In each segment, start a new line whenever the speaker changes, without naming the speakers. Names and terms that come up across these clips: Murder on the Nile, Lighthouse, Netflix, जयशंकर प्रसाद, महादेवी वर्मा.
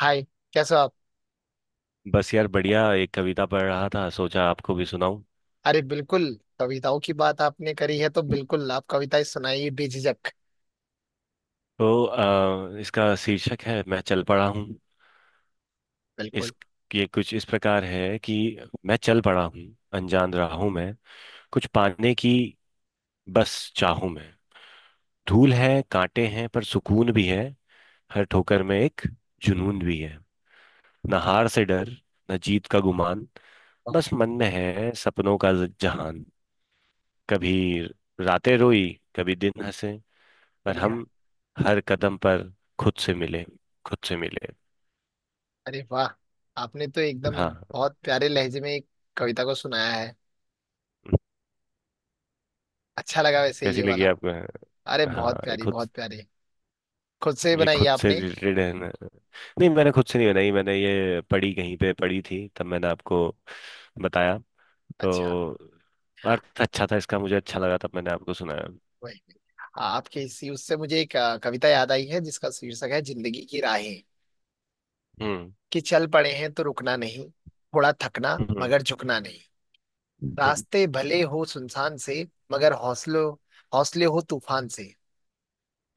हाय। कैसे हो आप।
बस यार बढ़िया, एक कविता पढ़ रहा था, सोचा आपको भी सुनाऊं।
अरे बिल्कुल। कविताओं की बात आपने करी है तो बिल्कुल आप कविताएं सुनाइए बेझिझक।
तो इसका शीर्षक है मैं चल पड़ा हूँ। इस
बिल्कुल।
ये कुछ इस प्रकार है कि मैं चल पड़ा हूँ, अनजान राहों में कुछ पाने की बस चाहूं मैं। धूल है, कांटे हैं, पर सुकून भी है। हर ठोकर में एक जुनून भी है। न हार से डर, न जीत का गुमान।
वाह।
बस मन में है सपनों का जहान। कभी रातें रोई, कभी दिन हंसे, पर
बढ़िया।
हम हर कदम पर खुद से मिले, खुद से मिले।
अरे वाह। आपने तो एकदम
हाँ।
बहुत प्यारे लहजे में एक कविता को सुनाया है। अच्छा लगा वैसे
कैसी
ये
लगी
वाला।
आपको?
अरे
हाँ,
बहुत प्यारी बहुत प्यारी। खुद से
ये
बनाई है
खुद से
आपने।
रिलेटेड है ना? नहीं, मैंने खुद से नहीं बनाई, मैंने ये पढ़ी, कहीं पे पढ़ी थी, तब मैंने आपको बताया।
अच्छा।
तो अर्थ अच्छा था इसका, मुझे अच्छा लगा, तब मैंने आपको सुनाया।
वही। हाँ, आपके इसी उससे मुझे एक कविता याद आई है जिसका शीर्षक है जिंदगी की राहें।
हम्म।
कि चल पड़े हैं तो रुकना नहीं। थोड़ा थकना
हम्म।
मगर झुकना नहीं।
हम्म।
रास्ते भले हो सुनसान से। मगर हौसलों हौसले हो तूफान से।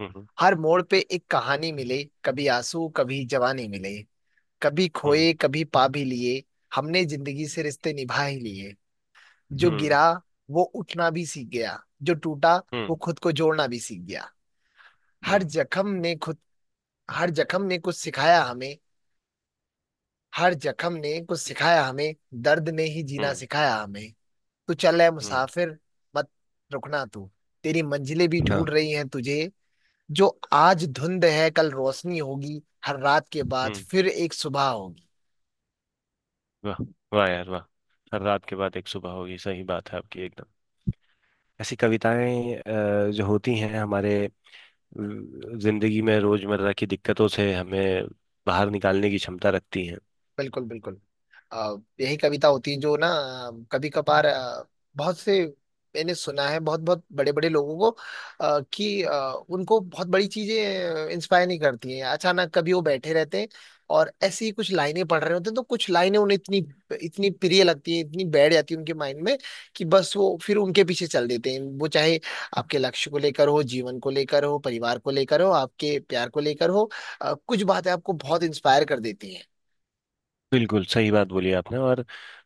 हम्म।
हर मोड़ पे एक कहानी मिले, कभी आंसू कभी जवानी मिले। कभी
हम्म।
खोए कभी पा भी लिए। हमने जिंदगी से रिश्ते निभा ही लिए। जो
हम्म।
गिरा वो उठना भी सीख गया, जो टूटा वो
हम्म।
खुद को जोड़ना भी सीख गया। हर
हम्म।
जख्म ने खुद हर जख्म ने कुछ सिखाया हमें। हर जख्म ने कुछ सिखाया हमें। दर्द ने ही जीना
हम्म।
सिखाया हमें। तू चल है
हम्म,
मुसाफिर, मत रुकना तू। तेरी मंजिलें भी
हाँ।
ढूंढ रही हैं तुझे। जो आज धुंध है कल रोशनी होगी, हर रात के बाद
हम्म।
फिर एक सुबह होगी।
वाह। वाह यार, वाह। हर रात के बाद एक सुबह होगी, सही बात है आपकी एकदम। ऐसी कविताएं जो होती हैं हमारे जिंदगी में, रोजमर्रा की दिक्कतों से हमें बाहर निकालने की क्षमता रखती हैं।
बिल्कुल बिल्कुल। अ, यही कविता होती है जो ना कभी कभार बहुत से। मैंने सुना है बहुत बहुत बड़े बड़े लोगों को, कि उनको बहुत बड़ी चीजें इंस्पायर नहीं करती हैं। अचानक कभी वो बैठे रहते हैं और ऐसी ही कुछ लाइनें पढ़ रहे होते हैं तो कुछ लाइनें उन्हें इतनी इतनी प्रिय लगती है, इतनी बैठ जाती है उनके माइंड में कि बस वो फिर उनके पीछे चल देते हैं। वो चाहे आपके लक्ष्य को लेकर हो, जीवन को लेकर हो, परिवार को लेकर हो, आपके प्यार को लेकर हो। कुछ बातें आपको बहुत इंस्पायर कर देती हैं।
बिल्कुल सही बात बोली आपने, और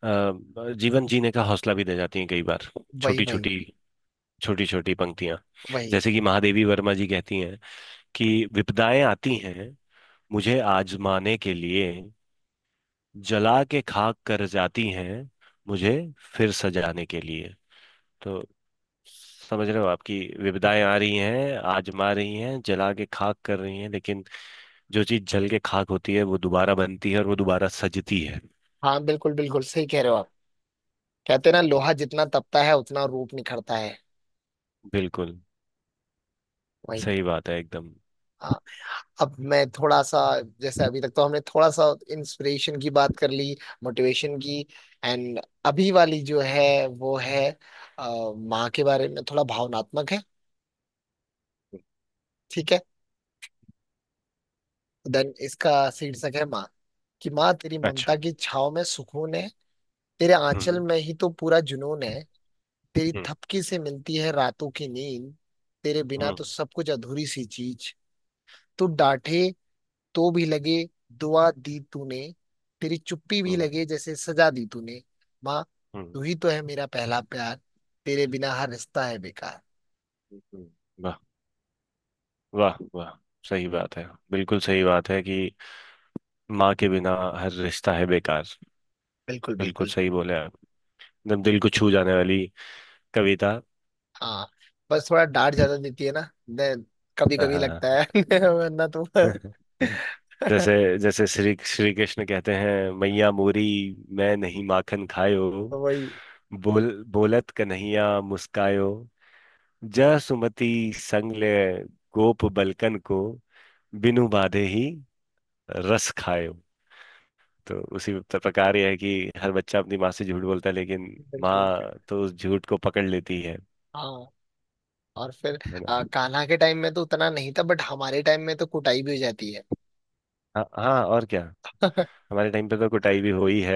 जीवन जीने का हौसला भी दे जाती हैं कई बार,
वही
छोटी
वही
छोटी, छोटी छोटी पंक्तियां।
वही।
जैसे कि महादेवी वर्मा जी कहती हैं कि विपदाएं आती हैं मुझे आजमाने के लिए, जला के खाक कर जाती हैं मुझे फिर सजाने के लिए। तो समझ रहे हो आपकी विविधाएं आ रही हैं, आजमा रही हैं, जला के खाक कर रही हैं, लेकिन जो चीज जल के खाक होती है वो दोबारा बनती है और वो दोबारा सजती है।
हाँ बिल्कुल बिल्कुल सही कह रहे हो आप। कहते हैं ना,
जी,
लोहा जितना तपता है उतना रूप निखरता है।
बिल्कुल।
वही।
सही बात है एकदम।
हाँ। अब मैं थोड़ा सा, जैसे अभी तक तो हमने थोड़ा सा इंस्पिरेशन की बात कर ली, मोटिवेशन की। एंड अभी वाली जो है वो है माँ के बारे में, थोड़ा भावनात्मक है। ठीक है। देन इसका शीर्षक है माँ। कि माँ तेरी ममता
अच्छा।
की छाव में सुकून है। तेरे आंचल
हम्म।
में ही तो पूरा जुनून है। तेरी
हम्म।
थपकी से मिलती है रातों की नींद। तेरे बिना
हम्म।
तो सब कुछ अधूरी सी चीज। तू डांटे तो भी लगे दुआ दी तूने। तेरी चुप्पी भी
हम्म।
लगे जैसे सजा दी तूने। माँ,
हम्म।
तू ही तो है मेरा पहला प्यार। तेरे बिना हर रिश्ता है बेकार।
हम्म, वाह। वाह वाह, सही बात है, बिल्कुल सही बात है कि माँ के बिना हर रिश्ता है बेकार।
बिल्कुल
बिल्कुल
बिल्कुल।
सही बोले आप। एकदम दिल को छू जाने वाली कविता।
हाँ, बस थोड़ा डांट ज्यादा देती है ना, कभी
हाँ
कभी लगता
हाँ।
है वरना तो
हाँ जैसे जैसे श्री श्री कृष्ण कहते हैं मैया मोरी, मैं नहीं माखन खायो,
वही।
बोल बोलत कन्हैया मुस्कायो, जा सुमति संग ले गोप बलकन को, बिनु बाधे ही रस खायो। तो उसी प्रकार यह है कि हर बच्चा अपनी माँ से झूठ बोलता है, लेकिन
बिल्कुल बिल्कुल।
माँ तो उस झूठ को पकड़ लेती है
हाँ। और फिर
है ना?
कान्हा के टाइम में तो उतना नहीं था, बट हमारे टाइम में तो कुटाई भी हो जाती है।
हाँ हाँ, और क्या। हमारे टाइम पे तो कुटाई भी हुई है।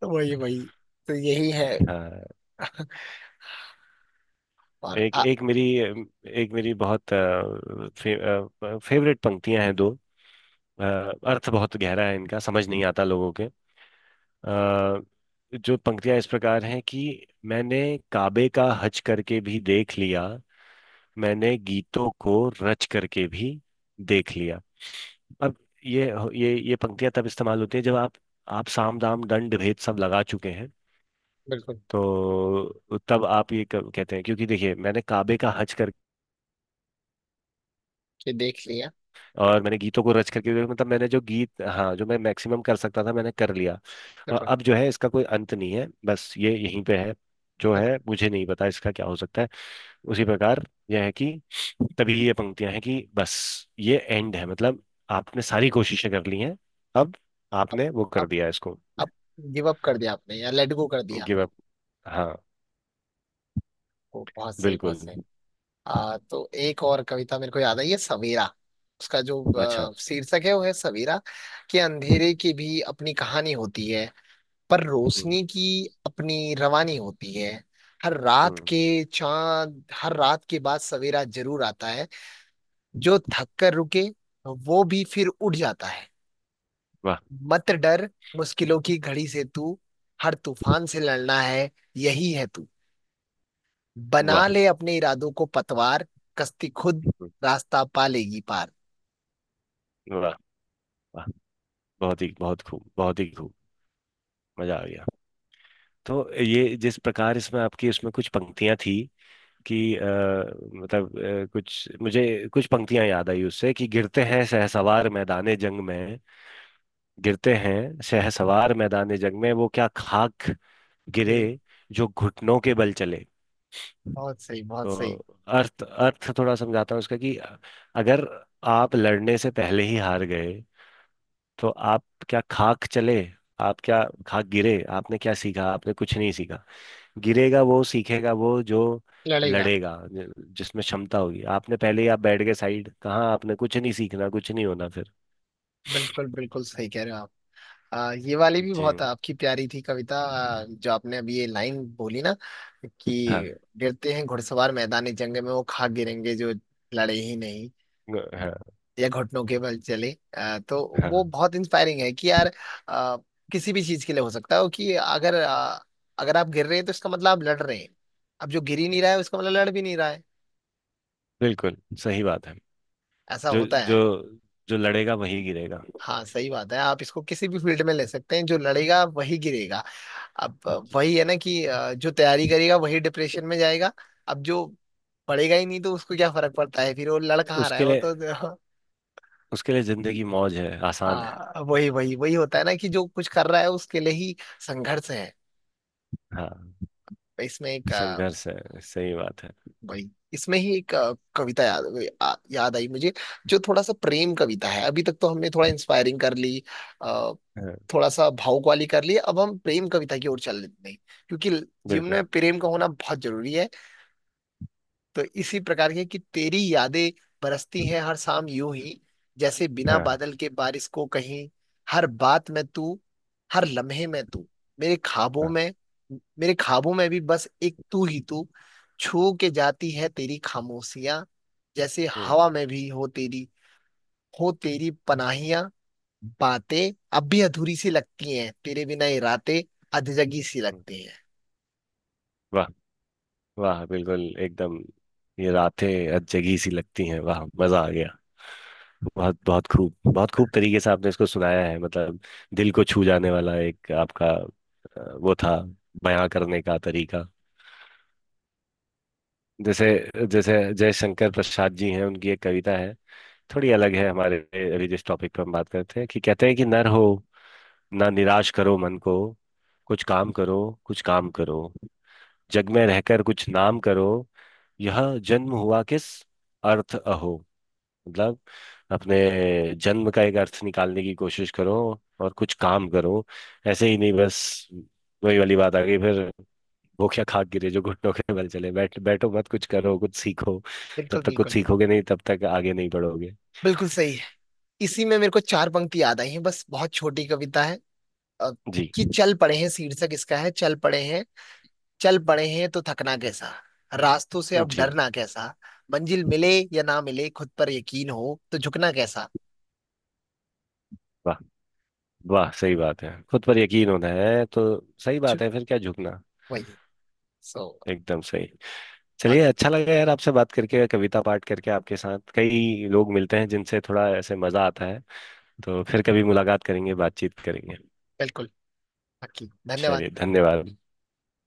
तो वही वही। तो यही है।
हाँ।
और
एक एक मेरी बहुत फेवरेट पंक्तियां हैं दो। अ, अर्थ बहुत गहरा है इनका, समझ नहीं आता लोगों के। अ, जो पंक्तियां इस प्रकार हैं कि मैंने काबे का हज करके भी देख लिया, मैंने गीतों को रच करके भी देख लिया। अब ये ये पंक्तियां तब इस्तेमाल होती है जब आप साम दाम दंड भेद सब लगा चुके हैं।
बिल्कुल।
तो तब आप ये कहते हैं, क्योंकि देखिए मैंने काबे का हज,
ये देख लिया।
और मैंने गीतों को रच करके, मतलब मैंने जो गीत, हाँ, जो मैं मैक्सिमम कर सकता था मैंने कर लिया। और
बिल्कुल
अब जो है इसका कोई अंत नहीं है, बस ये यहीं पे है, जो
बिल्कुल।
है मुझे नहीं पता इसका क्या हो सकता है। उसी प्रकार यह है कि तभी ये पंक्तियां हैं कि बस ये एंड है, मतलब आपने सारी कोशिशें कर ली हैं। अब
अब
आपने वो कर
अब
दिया इसको।
अब गिव अप कर दिया आपने या लेट गो कर दिया।
Give up. हाँ।
ओ, बहुत सही बहुत
बिल्कुल।
सही। तो एक और कविता मेरे को याद आई है, सवेरा। उसका जो
अच्छा।
शीर्षक है वो है सवेरा। कि अंधेरे की भी अपनी कहानी होती है, पर
हम्म,
रोशनी की अपनी रवानी होती है। हर रात
हम्म,
के हर रात के बाद सवेरा जरूर आता है। जो थक कर रुके वो भी फिर उठ जाता है।
वाह।
मत डर मुश्किलों की घड़ी से तू, हर तूफान से लड़ना है, यही है तू। बना
वाह।
ले अपने इरादों को पतवार, कश्ती खुद
हम्म,
रास्ता पा लेगी पार।
वाह। वाह बहुत ही, बहुत खूब, बहुत ही खूब। मजा आ गया। तो ये जिस प्रकार इसमें आपकी उसमें कुछ पंक्तियां थी कि कुछ पंक्तियां याद आई उससे कि गिरते हैं शहसवार मैदाने जंग में, गिरते हैं शहसवार मैदाने जंग में, वो क्या खाक गिरे
फिर-
जो घुटनों के बल चले।
बहुत सही बहुत
तो
सही।
अर्थ अर्थ थोड़ा समझाता हूँ उसका कि अगर आप लड़ने से पहले ही हार गए, तो आप क्या खाक चले, आप क्या खाक गिरे, आपने क्या सीखा, आपने कुछ नहीं सीखा। गिरेगा वो, सीखेगा वो जो
लड़ेगा।
लड़ेगा, जिसमें क्षमता होगी। आपने पहले ही आप बैठ गए साइड, कहाँ आपने कुछ नहीं सीखना, कुछ नहीं होना फिर।
बिल्कुल बिल्कुल सही कह रहे हो आप। ये वाली भी
जी।
बहुत आपकी प्यारी थी कविता, जो आपने अभी ये लाइन बोली ना,
हाँ।
कि गिरते हैं घुड़सवार मैदानी जंग में, वो खाक गिरेंगे जो लड़े ही नहीं
हाँ।
या घुटनों के बल चले। तो वो
हाँ,
बहुत इंस्पायरिंग है कि यार, आ, किसी भी चीज के लिए हो सकता है कि अगर अगर आप गिर रहे हैं तो इसका मतलब आप लड़ रहे हैं। अब जो गिर ही नहीं रहा है उसका मतलब लड़ भी नहीं रहा है,
बिल्कुल। सही बात है,
ऐसा
जो
होता
जो
है।
जो लड़ेगा वही गिरेगा।
हाँ सही बात है, आप इसको किसी भी फील्ड में ले सकते हैं। जो लड़ेगा वही गिरेगा। अब वही है ना कि जो तैयारी करेगा वही डिप्रेशन में जाएगा। अब जो पढ़ेगा ही नहीं तो उसको क्या फर्क पड़ता है, फिर वो लड़का आ रहा
उसके
है वो
लिए
तो
उसके लिए जिंदगी मौज है, आसान है।
हाँ, वही वही वही होता है ना, कि जो कुछ कर रहा है उसके लिए ही संघर्ष है।
हाँ,
तो इसमें एक
संघर्ष है, सही बात है।
वही इसमें ही एक कविता याद याद आई मुझे। जो थोड़ा सा प्रेम कविता है। अभी तक तो हमने थोड़ा इंस्पायरिंग कर ली, अ,
हाँ,
थोड़ा सा भावुक वाली कर ली, अब हम प्रेम कविता की ओर चल रहे हैं क्योंकि जीवन में
बिल्कुल।
प्रेम का होना बहुत जरूरी है। तो इसी प्रकार के कि तेरी यादें बरसती हैं हर शाम यूं ही, जैसे बिना
हाँ
बादल के बारिश को कहीं। हर बात में तू, हर लम्हे में तू, मेरे ख्वाबों
हाँ।
में, मेरे ख्वाबों में भी बस एक तू ही तू। छू के जाती है तेरी खामोशियां, जैसे
हम्म।
हवा में भी हो तेरी, हो तेरी पनाहियां। बातें अब भी अधूरी सी लगती हैं, तेरे बिना ये रातें अधजगी सी
हम्म,
लगती हैं।
वाह। वाह, बिल्कुल, एकदम ये रातें अजगी सी लगती हैं, वाह, मजा आ गया। बहुत बहुत खूब, बहुत खूब तरीके से आपने इसको सुनाया है, मतलब दिल को छू जाने वाला एक आपका वो था बयां करने का तरीका। जैसे जैसे जयशंकर प्रसाद जी हैं, उनकी एक कविता है, थोड़ी अलग है हमारे अभी जिस टॉपिक पर हम बात करते हैं, कि कहते हैं कि नर हो, ना निराश करो मन को, कुछ काम करो, कुछ काम करो, जग में रहकर कुछ नाम करो, यह जन्म हुआ किस अर्थ अहो। मतलब अपने जन्म का एक अर्थ निकालने की कोशिश करो, और कुछ काम करो, ऐसे ही नहीं बस। वही वाली बात आ गई फिर, भूखे खाक गिरे जो घुटनों के बल चले। बैठो मत, कुछ करो, कुछ सीखो। जब
बिल्कुल
तक कुछ
बिल्कुल
सीखोगे नहीं तब तक आगे नहीं बढ़ोगे।
बिल्कुल सही। इसी में मेरे को चार पंक्ति याद आई हैं, बस बहुत छोटी कविता है। अ,
जी,
कि चल पड़े हैं, शीर्षक इसका है चल पड़े हैं। चल पड़े हैं तो थकना कैसा, रास्तों से अब
जी।
डरना कैसा। मंजिल मिले या ना मिले, खुद पर यकीन हो तो झुकना कैसा।
वाह। वाह, सही बात है, खुद पर यकीन होना है तो सही
छु-
बात है, फिर क्या झुकना।
वही। सो
एकदम सही। चलिए,
बाकी
अच्छा लगा यार आपसे बात करके, कविता पाठ करके, आपके साथ कई लोग मिलते हैं जिनसे थोड़ा ऐसे मजा आता है। तो फिर कभी मुलाकात करेंगे, बातचीत करेंगे।
बिल्कुल। बाकी धन्यवाद।
चलिए, धन्यवाद।